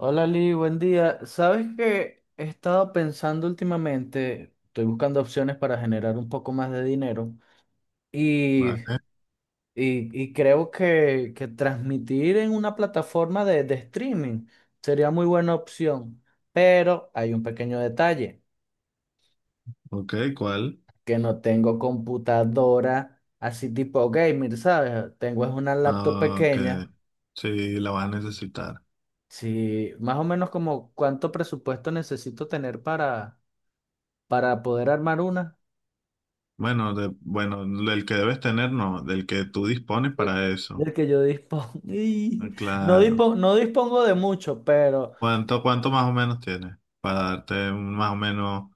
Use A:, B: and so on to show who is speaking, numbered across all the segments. A: Hola Lee, buen día. ¿Sabes que he estado pensando últimamente? Estoy buscando opciones para generar un poco más de dinero y,
B: Vale.
A: y creo que transmitir en una plataforma de streaming sería muy buena opción, pero hay un pequeño detalle,
B: Ok, ¿cuál?
A: que no tengo computadora así tipo gamer, ¿sabes? Tengo es una laptop
B: Ah,
A: pequeña.
B: que sí, la vas a necesitar.
A: Sí, más o menos como cuánto presupuesto necesito tener para poder armar una.
B: Bueno, del que debes tener, no, del que tú dispones para eso.
A: Del que yo dispongo.
B: Ah,
A: No
B: claro.
A: dispongo, no dispongo de mucho, pero
B: ¿Cuánto, cuánto más o menos tienes? Para darte más o menos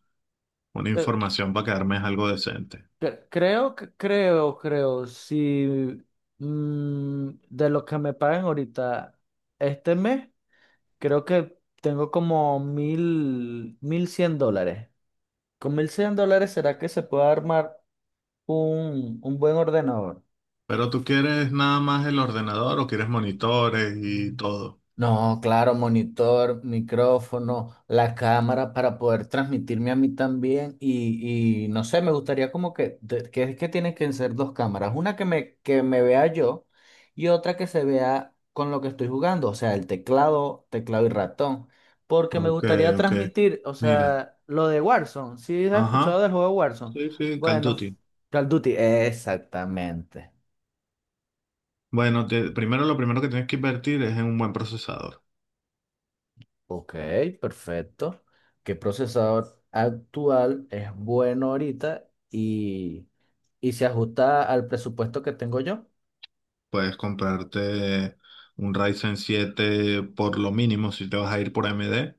B: una
A: eh,
B: información para que armes algo decente.
A: creo, si de lo que me pagan ahorita este mes, creo que tengo como $1,100. Con $1,100, ¿será que se puede armar un buen ordenador?
B: Pero tú quieres nada más el ordenador o quieres monitores y todo.
A: No, claro, monitor, micrófono, la cámara para poder transmitirme a mí también y no sé. Me gustaría como que, que es que tienen que ser dos cámaras, una que me vea yo y otra que se vea con lo que estoy jugando, o sea, el teclado y ratón, porque me
B: Ok,
A: gustaría
B: ok.
A: transmitir, o
B: Mira.
A: sea, lo de Warzone. ¿Sí has escuchado
B: Ajá.
A: del juego de Warzone?
B: Sí, sí, Call of
A: Bueno,
B: Duty.
A: Call of Duty, exactamente.
B: Bueno, primero lo primero que tienes que invertir es en un buen procesador.
A: Ok, perfecto. ¿Qué procesador actual es bueno ahorita y se ajusta al presupuesto que tengo yo?
B: Puedes comprarte un Ryzen siete por lo mínimo si te vas a ir por AMD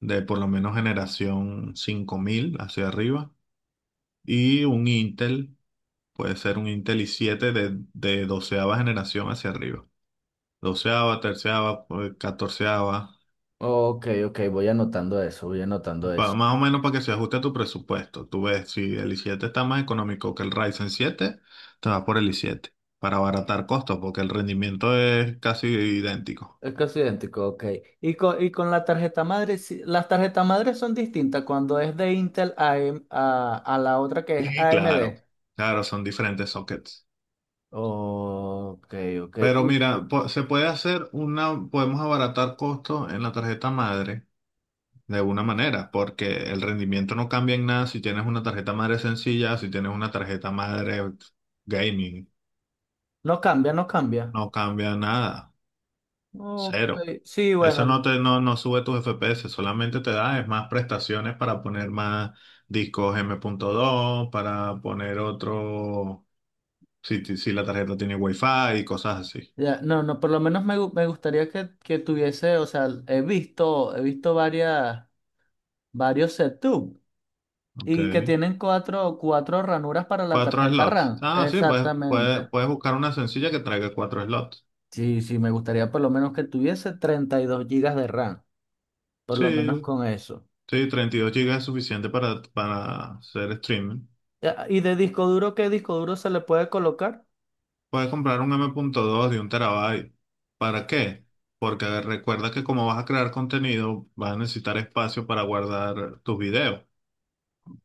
B: de por lo menos generación 5000 hacia arriba. Y un Intel, puede ser un Intel i7 de doceava generación hacia arriba. Doceava, terceava, pues, catorceava.
A: Ok, ok, voy anotando eso, voy anotando eso.
B: Más o menos para que se ajuste a tu presupuesto. Tú ves, si el i siete está más económico que el Ryzen 7, te vas por el i7 para abaratar costos porque el rendimiento es casi idéntico.
A: Es casi idéntico, ok. Y con la tarjeta madre, sí, las tarjetas madres son distintas cuando es de Intel a, a la otra que es
B: Sí, claro,
A: AMD.
B: claro, son diferentes sockets.
A: Ok, ok.
B: Pero
A: Y
B: mira, se puede podemos abaratar costos en la tarjeta madre de alguna manera, porque el rendimiento no cambia en nada si tienes una tarjeta madre sencilla, si tienes una tarjeta madre gaming,
A: no cambia, no cambia.
B: no cambia nada,
A: Ok,
B: cero.
A: sí,
B: Eso
A: bueno.
B: no, no sube tus FPS, solamente te da es más prestaciones para poner más discos m punto dos, para poner otro, si la tarjeta tiene Wi-Fi y cosas así.
A: Ya, no, no, por lo menos me gustaría que tuviese, o sea, he visto varias, varios setup
B: Ok.
A: y que tienen cuatro ranuras para la
B: Cuatro
A: tarjeta
B: slots.
A: RAM.
B: Ah, sí, puedes, puedes,
A: Exactamente.
B: puedes buscar una sencilla que traiga cuatro slots.
A: Sí, sí, me gustaría por lo menos que tuviese 32 GB de RAM, por lo menos
B: Sí,
A: con eso.
B: sí, 32 gigas es suficiente para hacer streaming.
A: Ya. ¿Y de disco duro, qué disco duro se le puede colocar?
B: Puedes comprar un M.2 de 1 terabyte. ¿Para qué? Porque recuerda que como vas a crear contenido, vas a necesitar espacio para guardar tus videos.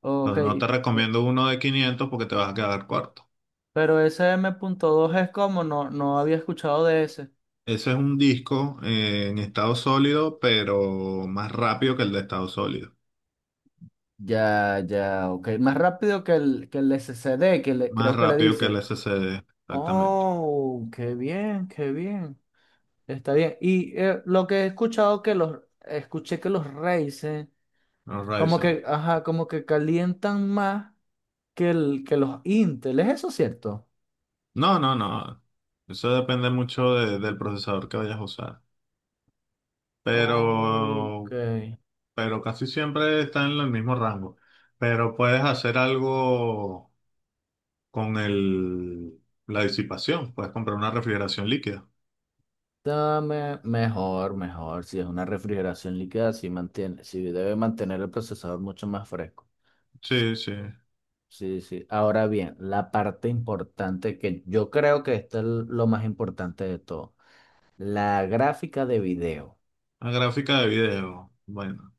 A: Ok,
B: Entonces no te recomiendo uno de 500 porque te vas a quedar corto.
A: pero ese M.2 es como, no, no había escuchado de ese.
B: Ese es un disco en estado sólido, pero más rápido que el de estado sólido.
A: Ya, ya, ok. Más rápido que el SSD,
B: Más
A: creo que le
B: rápido que el
A: dice.
B: SSD, exactamente.
A: Oh, qué bien, qué bien. Está bien. Lo que he escuchado que los escuché que los Ryzen
B: No,
A: como
B: Ryzen.
A: que, ajá, como que calientan más que los Intel. ¿Es eso cierto?
B: No, no, no. Eso depende mucho del procesador que vayas a usar.
A: Ok.
B: Pero, pero casi siempre está en el mismo rango. Pero puedes hacer algo con la disipación. Puedes comprar una refrigeración líquida.
A: Dame mejor, mejor. Si es una refrigeración líquida, sí mantiene, sí debe mantener el procesador mucho más fresco. Sí,
B: Sí, sí.
A: sí, sí. Ahora bien, la parte importante, que yo creo que esto es lo más importante de todo, la gráfica de video.
B: Una gráfica de video. Bueno,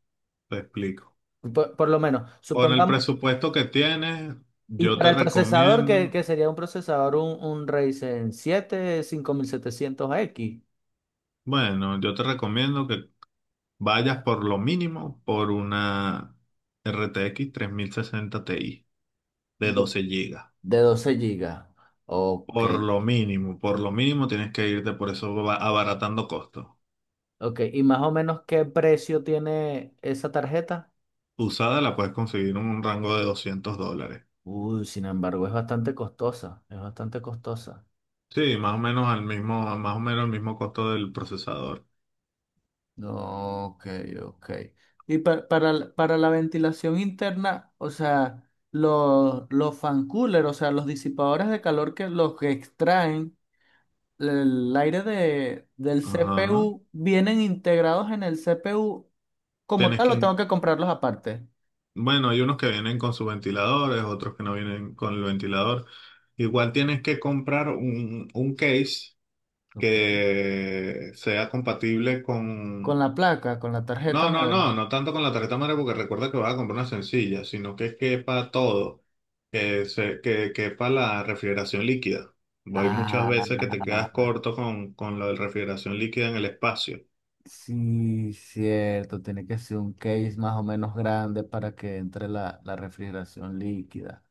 B: te explico.
A: Por lo menos,
B: Con el
A: supongamos,
B: presupuesto que tienes,
A: y
B: yo
A: para
B: te
A: el procesador, que,
B: recomiendo.
A: que sería un procesador, un Ryzen 7 5700X
B: Bueno, yo te recomiendo que vayas por lo mínimo por una RTX 60 Ti de
A: de,
B: 12 gigas.
A: de 12 GB. Ok,
B: Por lo mínimo tienes que irte por eso, abaratando costos.
A: ok. ¿Y más o menos qué precio tiene esa tarjeta?
B: Usada la puedes conseguir en un rango de $200.
A: Uy, sin embargo, es bastante costosa, es bastante costosa.
B: Sí, más o menos al mismo, más o menos el mismo costo del procesador.
A: No, ok, ok. Y para la ventilación interna, o sea, los fan cooler, o sea, los disipadores de calor, que los que extraen el aire del
B: Ajá.
A: CPU, ¿vienen integrados en el CPU como
B: Tienes
A: tal o
B: que,
A: tengo que comprarlos aparte?
B: bueno, hay unos que vienen con sus ventiladores, otros que no vienen con el ventilador. Igual tienes que comprar un case
A: Ok.
B: que sea compatible
A: Con
B: con...
A: la placa, con la tarjeta
B: No, no,
A: madre.
B: no, no tanto con la tarjeta madre porque recuerda que vas a comprar una sencilla, sino que quepa todo, que quepa la refrigeración líquida. Hay muchas
A: Ah,
B: veces que te quedas corto con lo de refrigeración líquida en el espacio.
A: sí, cierto. Tiene que ser un case más o menos grande para que entre la refrigeración líquida.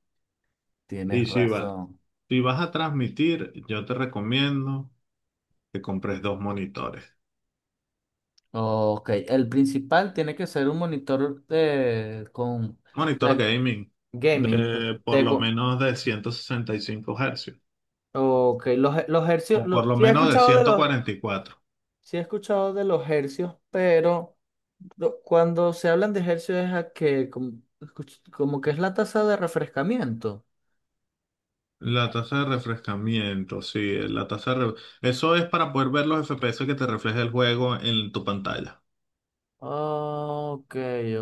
B: Y
A: Tienes razón.
B: si vas a transmitir, yo te recomiendo que compres dos monitores.
A: Ok, el principal tiene que ser un monitor de, con
B: Monitor
A: de
B: gaming,
A: gaming.
B: de por lo menos de 165 Hz,
A: Ok, los hercios,
B: o por
A: los,
B: lo
A: sí he
B: menos de
A: escuchado de
B: ciento
A: los,
B: cuarenta y cuatro
A: sí he escuchado de los hercios, pero cuando se hablan de hercios es a que como, como que es la tasa de refrescamiento.
B: La tasa de refrescamiento, sí, la tasa de re- eso es para poder ver los FPS que te refleja el juego en tu pantalla.
A: Ok,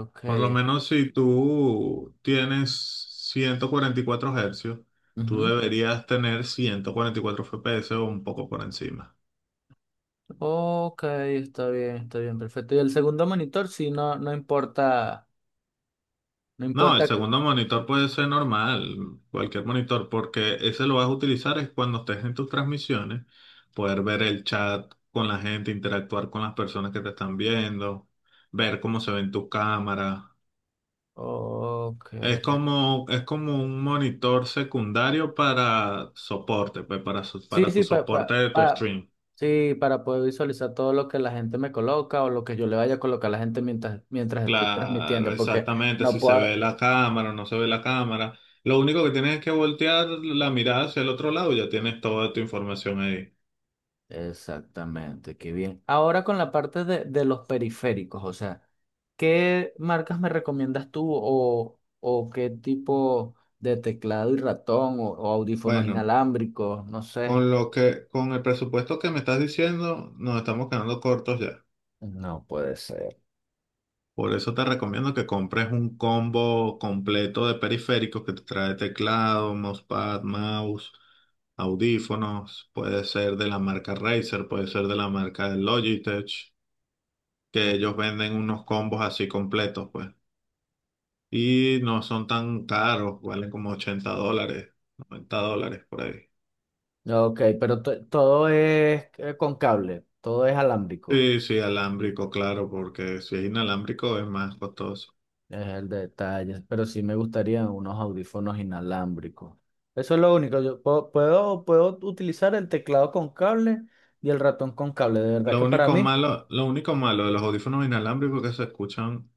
A: ok.
B: Por lo menos si tú tienes 144 Hz, tú
A: Ujú.
B: deberías tener 144 FPS o un poco por encima.
A: Ok, está bien, perfecto. Y el segundo monitor, sí, no, no importa, no
B: No, el
A: importa.
B: segundo monitor puede ser normal, cualquier monitor, porque ese lo vas a utilizar es cuando estés en tus transmisiones, poder ver el chat con la gente, interactuar con las personas que te están viendo, ver cómo se ven tus cámaras.
A: Ok.
B: Es como un monitor secundario para soporte, pues para,
A: Sí,
B: para
A: sí,
B: tu soporte de tu stream.
A: sí, para poder visualizar todo lo que la gente me coloca o lo que yo le vaya a colocar a la gente mientras, estoy
B: Claro,
A: transmitiendo, porque
B: exactamente,
A: no
B: si se ve
A: puedo...
B: la cámara o no se ve la cámara. Lo único que tienes es que voltear la mirada hacia el otro lado y ya tienes toda tu información ahí.
A: Exactamente, qué bien. Ahora con la parte de los periféricos, o sea, ¿qué marcas me recomiendas tú o qué tipo de teclado y ratón o audífonos
B: Bueno,
A: inalámbricos? No sé.
B: con lo que, con el presupuesto que me estás diciendo, nos estamos quedando cortos ya.
A: No puede ser.
B: Por eso te recomiendo que compres un combo completo de periféricos que te trae teclado, mousepad, mouse, audífonos. Puede ser de la marca Razer, puede ser de la marca Logitech, que ellos venden unos combos así completos, pues. Y no son tan caros, valen como $80, $90 por ahí.
A: Ok, pero todo es con cable, todo es alámbrico,
B: Sí, sí, alámbrico, claro, porque si es inalámbrico es más costoso.
A: es el detalle, pero sí me gustaría unos audífonos inalámbricos. Eso es lo único, yo puedo utilizar el teclado con cable y el ratón con cable, de verdad que para mí,
B: Lo único malo de los audífonos inalámbricos es que se escuchan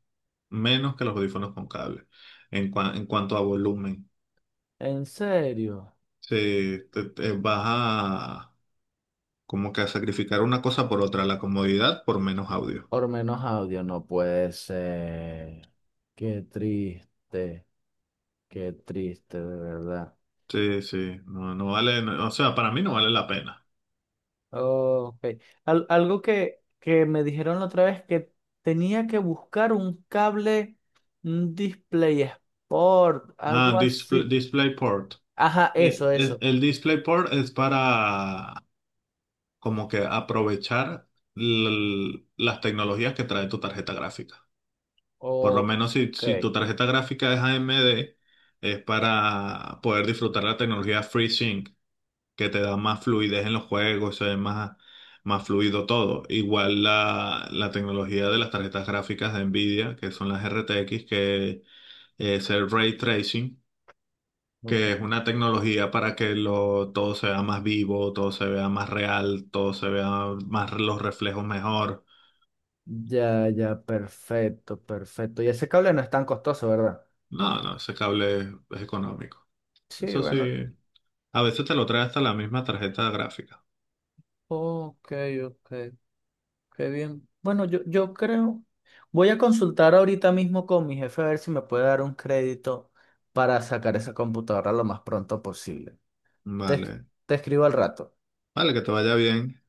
B: menos que los audífonos con cable en, en cuanto a volumen.
A: en serio,
B: Sí, te vas a como que a sacrificar una cosa por otra, la comodidad por menos audio.
A: por menos audio no puede ser. Qué triste, qué triste, de verdad.
B: Sí, sí, no, no vale, o sea, para mí no vale la pena.
A: Ok. Algo que me dijeron la otra vez, que tenía que buscar un cable, un display sport,
B: Ah,
A: algo
B: display,
A: así.
B: DisplayPort.
A: Ajá, eso, eso.
B: El DisplayPort es para como que aprovechar las tecnologías que trae tu tarjeta gráfica. Por lo menos si,
A: Ok,
B: si tu tarjeta gráfica es AMD, es para poder disfrutar la tecnología FreeSync, que te da más fluidez en los juegos, se ve más, más fluido todo. Igual la, la tecnología de las tarjetas gráficas de Nvidia, que son las RTX, que es el ray tracing, que
A: ok.
B: es una tecnología para que lo, todo se vea más vivo, todo se vea más real, todo se vea más los reflejos mejor.
A: Ya, ya, perfecto, perfecto. Y ese cable no es tan costoso, ¿verdad?
B: No, no, ese cable es económico.
A: Sí,
B: Eso sí,
A: bueno.
B: a veces te lo trae hasta la misma tarjeta gráfica.
A: Ok, ok. Qué bien. Bueno, yo creo. Voy a consultar ahorita mismo con mi jefe a ver si me puede dar un crédito para sacar esa computadora lo más pronto posible. Te, es-
B: Vale,
A: te escribo al rato.
B: vale, que te vaya bien.